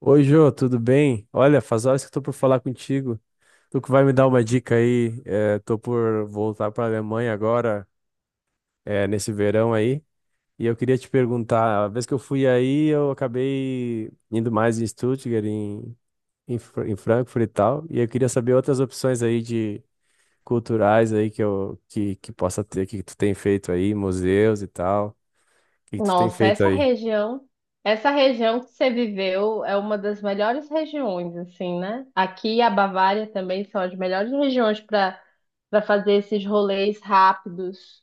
Oi, Jô, tudo bem? Olha, faz horas que eu tô por falar contigo. Tu que vai me dar uma dica aí. Tô por voltar para Alemanha agora, nesse verão aí. E eu queria te perguntar, a vez que eu fui aí, eu acabei indo mais em Stuttgart, em Frankfurt e tal. E eu queria saber outras opções aí de culturais aí que possa ter, que tu tem feito aí, museus e tal. O que tu tem Nossa, feito aí? Essa região que você viveu é uma das melhores regiões, assim, né? Aqui a Bavária também são as melhores regiões para fazer esses rolês rápidos.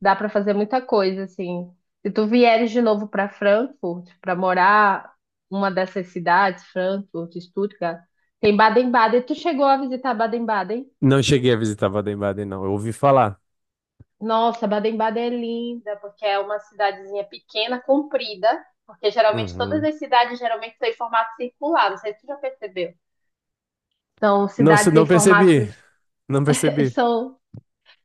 Dá para fazer muita coisa, assim. Se tu vieres de novo para Frankfurt, para morar uma dessas cidades, Frankfurt, Stuttgart, tem Baden-Baden. Tu chegou a visitar Baden-Baden? Não cheguei a visitar Baden-Baden, não. Eu ouvi falar. Nossa, Baden-Baden é linda, porque é uma cidadezinha pequena, comprida, porque geralmente todas Uhum. as cidades geralmente estão em formato circular, não sei se você já percebeu. São cidades em Não percebi. formatos Não percebi. são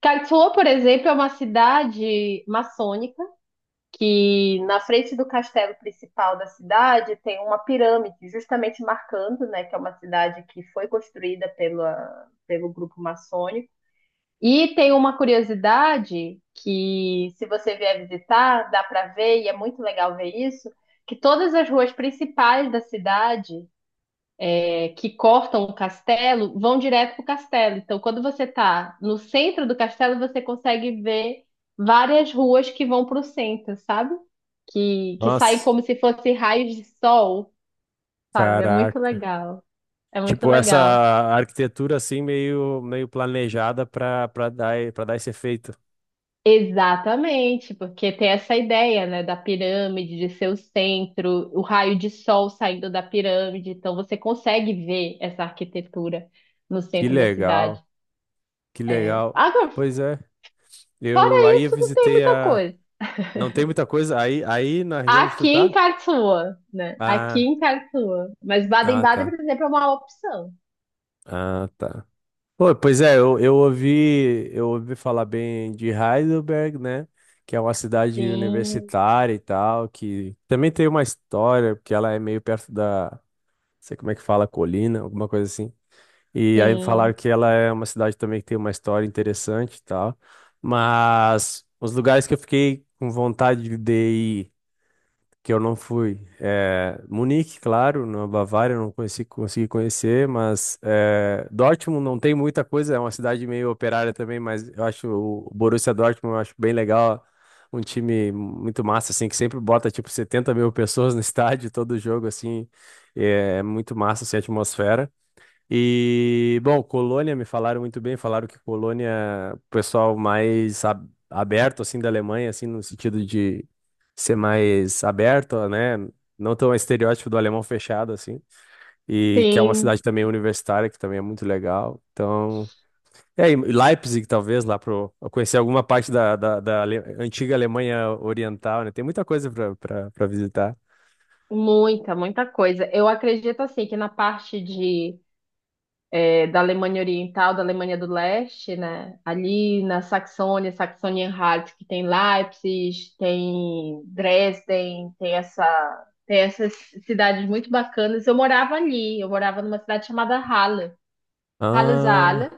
Karlsruhe, por exemplo, é uma cidade maçônica que na frente do castelo principal da cidade tem uma pirâmide, justamente marcando, né, que é uma cidade que foi construída pela, pelo grupo maçônico. E tem uma curiosidade que, se você vier visitar, dá para ver, e é muito legal ver isso, que todas as ruas principais da cidade que cortam o castelo vão direto para o castelo. Então, quando você está no centro do castelo, você consegue ver várias ruas que vão para o centro, sabe? Que saem Nossa, como se fossem raios de sol, sabe? É muito caraca. legal. É muito Tipo, essa legal. arquitetura assim meio planejada para dar para dar esse efeito. Exatamente, porque tem essa ideia, né, da pirâmide, de ser o centro, o raio de sol saindo da pirâmide, então você consegue ver essa arquitetura no Que centro da legal, cidade. que É. legal. Agora, Pois é. Eu fora aí eu isso, não tem visitei muita a coisa. não tem muita coisa aí na região onde tu Aqui em tá? Karlsruhe, né? Aqui Ah, em Karlsruhe. Mas ah Baden-Baden, tá. por exemplo, é uma opção. Ah, tá. Pô, pois é, eu ouvi falar bem de Heidelberg, né? Que é uma cidade Sim, universitária e tal, que também tem uma história, porque ela é meio perto da, não sei como é que fala, colina, alguma coisa assim. E aí falaram sim, que ela é uma cidade também que tem uma história interessante e tal. Mas os lugares que eu fiquei com vontade de ir que eu não fui. É, Munique, claro, na Bavária eu não conheci, consegui conhecer, mas Dortmund não tem muita coisa, é uma cidade meio operária também, mas eu acho o Borussia Dortmund eu acho bem legal, um time muito massa, assim, que sempre bota tipo 70 mil pessoas no estádio, todo jogo, assim, é muito massa, assim, a atmosfera. E, bom, Colônia, me falaram muito bem, falaram que Colônia, o pessoal mais ab- aberto, assim, da Alemanha, assim, no sentido de ser mais aberto, né? Não tão estereótipo do alemão fechado, assim. E que é uma sim. cidade também universitária, que também é muito legal. Então, Leipzig, talvez, lá para conhecer alguma parte da antiga Alemanha Oriental, né? Tem muita coisa para visitar. Muita, muita coisa. Eu acredito, assim, que na parte da Alemanha Oriental, da Alemanha do Leste, né? Ali na Saxônia, Saxônia-Anhalt, que tem Leipzig, tem Dresden, tem essa, tem essas cidades muito bacanas. Eu morava ali, eu morava numa cidade chamada Halle. Halle-Saale, Ah,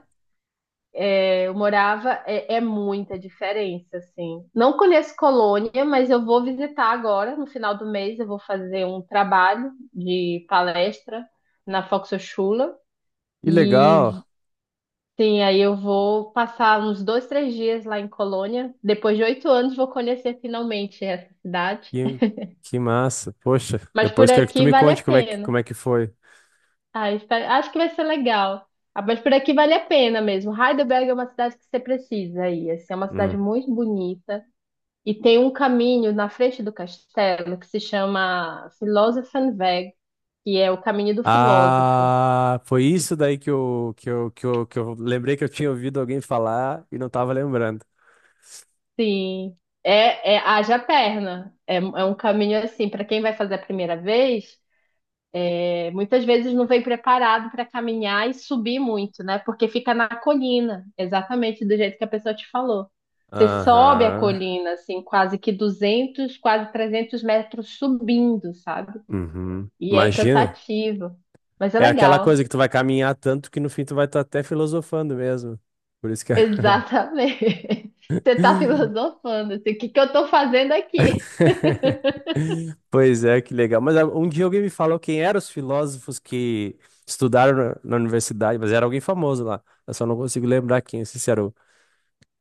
eu morava, é muita diferença, assim. Não conheço Colônia, mas eu vou visitar agora, no final do mês, eu vou fazer um trabalho de palestra na Volkshochschule que e legal. sim, aí eu vou passar uns dois, três dias lá em Colônia. Depois de 8 anos, vou conhecer finalmente essa cidade. Que, que massa. Poxa, Mas por depois quero que aqui tu me vale a conte pena. como é que foi. Ah, espero- acho que vai ser legal. Ah, mas por aqui vale a pena mesmo. Heidelberg é uma cidade que você precisa ir. Assim, é uma cidade Hum. muito bonita. E tem um caminho na frente do castelo que se chama Philosophenweg, que é o caminho do filósofo. Ah, foi isso daí que eu lembrei que eu tinha ouvido alguém falar e não tava lembrando. Sim, é haja perna. É um caminho assim, para quem vai fazer a primeira vez. Muitas vezes não vem preparado para caminhar e subir muito, né? Porque fica na colina, exatamente do jeito que a pessoa te falou. Você sobe a Aham. colina, assim, quase que 200, quase 300 metros subindo, sabe? Uhum. E é Imagina. cansativo, mas é É aquela legal. coisa que tu vai caminhar tanto que no fim tu vai estar até filosofando mesmo. Por isso que. Exatamente. Você tá filosofando, assim, o que que eu tô fazendo aqui? Pois é, que legal. Mas ah, um dia alguém me falou quem eram os filósofos que estudaram na universidade, mas era alguém famoso lá. Eu só não consigo lembrar quem. Não sei se era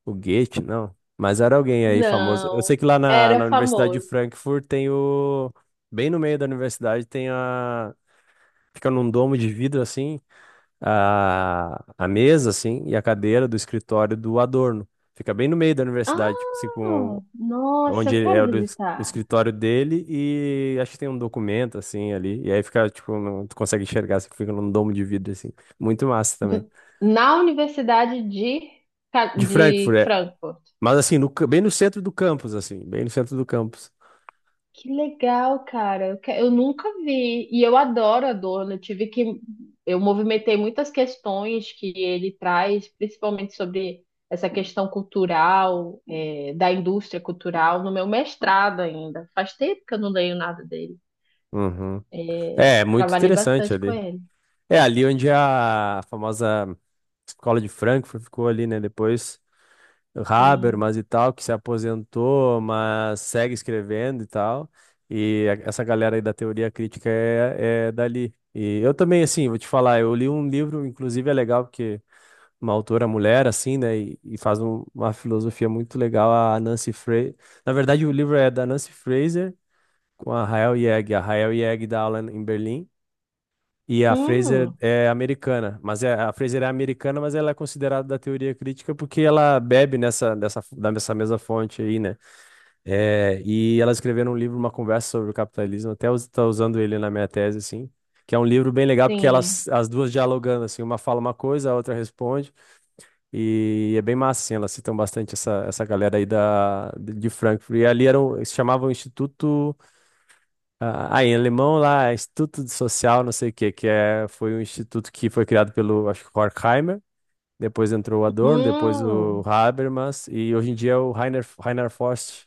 o Goethe, não. Mas era alguém aí famoso. Eu sei Não, que lá era na Universidade de famoso. Frankfurt tem o. Bem no meio da universidade tem a. Fica num domo de vidro assim. A mesa, assim, e a cadeira do escritório do Adorno. Fica bem no meio da Ah, universidade, tipo assim, com, nossa, eu é quero o visitar. escritório dele e acho que tem um documento, assim, ali. E aí fica, tipo, não, tu consegue enxergar, você fica num domo de vidro, assim. Muito massa também. N- Na Universidade de, De de Frankfurt, é. Frankfurt. Mas, assim, bem no centro do campus, assim, bem no centro do campus. Que legal, cara. Eu nunca vi. E eu adoro a Adorno. Eu tive que. Eu movimentei muitas questões que ele traz, principalmente sobre essa questão cultural, da indústria cultural, no meu mestrado ainda. Faz tempo que eu não leio nada dele. Uhum. É, muito Trabalhei interessante bastante com ali. ele. É ali onde a famosa escola de Frankfurt ficou ali, né? Depois. Sim. Habermas e tal, que se aposentou, mas segue escrevendo e tal. Essa galera aí da teoria crítica é dali. E eu também, assim, vou te falar, eu li um livro, inclusive é legal, porque uma autora mulher, assim, né, e faz uma filosofia muito legal, a Nancy Fraser. Na verdade, o livro é da Nancy Fraser com a Rael Yeg. A Rael Yeg dá aula em Berlim. E a Fraser Hum, é americana, a Fraser é americana, mas ela é considerada da teoria crítica porque ela bebe dessa mesma fonte aí, né? É, e ela escreveu um livro, uma conversa sobre o capitalismo, até está usando ele na minha tese, assim, que é um livro bem legal porque sim. elas, as duas dialogando, assim, uma fala uma coisa, a outra responde, e é bem massa, assim, elas citam bastante essa, essa galera aí da, de Frankfurt. E ali era um, se chamava o Instituto. Em alemão lá, Instituto de Social, não sei o que, que é, foi um instituto que foi criado pelo, acho que Horkheimer, depois entrou o Adorno, depois o Hum. Habermas, e hoje em dia é o Rainer Forst.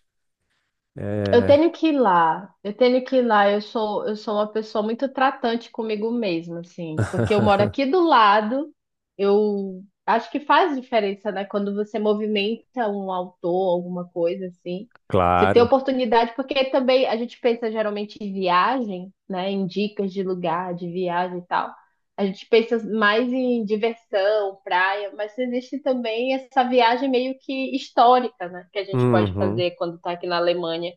Eu É... tenho que ir lá, eu tenho que ir lá. Eu sou uma pessoa muito tratante comigo mesma, assim, porque eu moro aqui do lado. Eu acho que faz diferença, né? Quando você movimenta um autor, alguma coisa assim, você tem Claro. oportunidade, porque também a gente pensa geralmente em viagem, né? Em dicas de lugar, de viagem e tal. A gente pensa mais em diversão, praia, mas existe também essa viagem meio que histórica, né? Que a gente pode Uhum, fazer quando está aqui na Alemanha.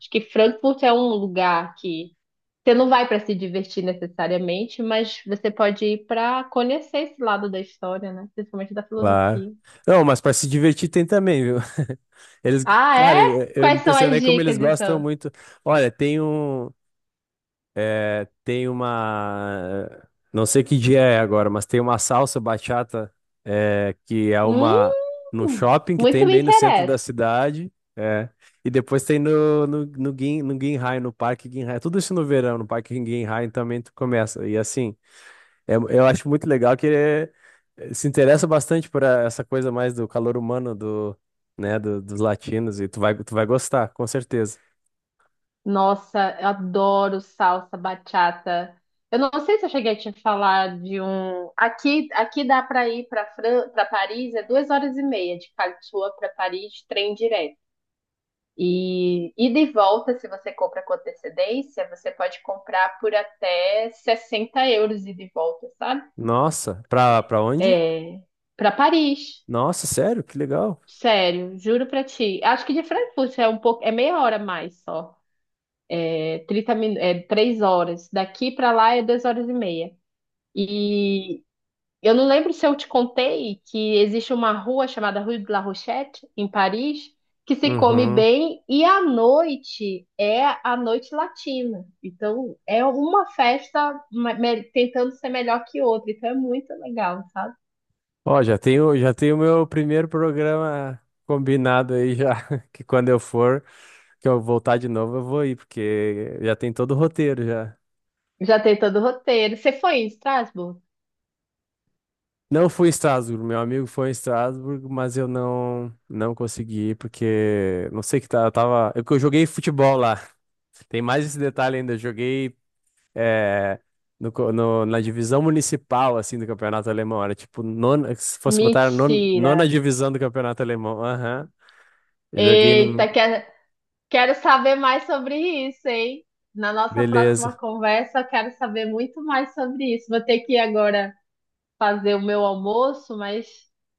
Acho que Frankfurt é um lugar que você não vai para se divertir necessariamente, mas você pode ir para conhecer esse lado da história, né? Principalmente da claro. filosofia. Não, mas para se divertir tem também, viu? Eles, Ah, cara, é? eu me Quais são as impressionei como eles dicas, gostam então? muito. Olha, tem um, É, tem uma. Não sei que dia é agora, mas tem uma salsa bachata, que é Hum, uma. No shopping que tem muito me bem no centro da interessa. cidade. É. E depois tem no Ginhai, no Parque Ginhai. Tudo isso no verão, no Parque Ginhai também tu começa. E assim, eu acho muito legal que ele se interessa bastante por essa coisa mais do calor humano né, dos latinos. E tu vai gostar, com certeza. Nossa, eu adoro salsa bachata. Eu não sei se eu cheguei a te falar de um. Aqui, aqui dá para ir para Fran... para Paris, é 2 horas e meia de Karlsruhe para Paris, trem direto. E ida e volta, se você compra com antecedência, você pode comprar por até 60 euros ida e volta, sabe? Nossa, pra onde? É, para Paris. Nossa, sério? Que legal. Sério, juro pra ti. Acho que de Frankfurt é um pouco, é meia hora mais só. É 30 min, é 3 horas. Daqui pra lá é 2 horas e meia. E eu não lembro se eu te contei que existe uma rua chamada Rue de la Rochette, em Paris, que se come Uhum. bem e à noite é a noite latina. Então é uma festa tentando ser melhor que outra. Então é muito legal, sabe? Ó, já tenho meu primeiro programa combinado aí já, que quando eu for, que eu voltar de novo, eu vou ir, porque já tem todo o roteiro já. Já tem todo o roteiro. Você foi em Estrasburgo? Não fui em Estrasburgo, meu amigo foi em Estrasburgo, mas eu não consegui ir, porque não sei o que tá, eu tava, é que eu joguei futebol lá. Tem mais esse detalhe ainda, eu joguei é, na divisão municipal assim do campeonato alemão, era tipo nona, se fosse botar Mentira. nona divisão do campeonato alemão. Aham. Joguei no. Eita, quero, quero saber mais sobre isso, hein? Na nossa Beleza. próxima conversa, eu quero saber muito mais sobre isso. Vou ter que ir agora fazer o meu almoço, mas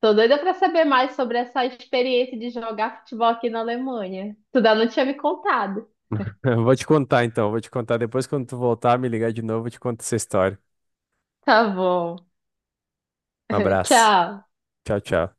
tô doida para saber mais sobre essa experiência de jogar futebol aqui na Alemanha. Tu ainda não tinha me contado. Eu vou te contar então, vou te contar depois quando tu voltar, me ligar de novo, eu te conto essa história. Tá bom. Um abraço. Tchau. Tchau, tchau.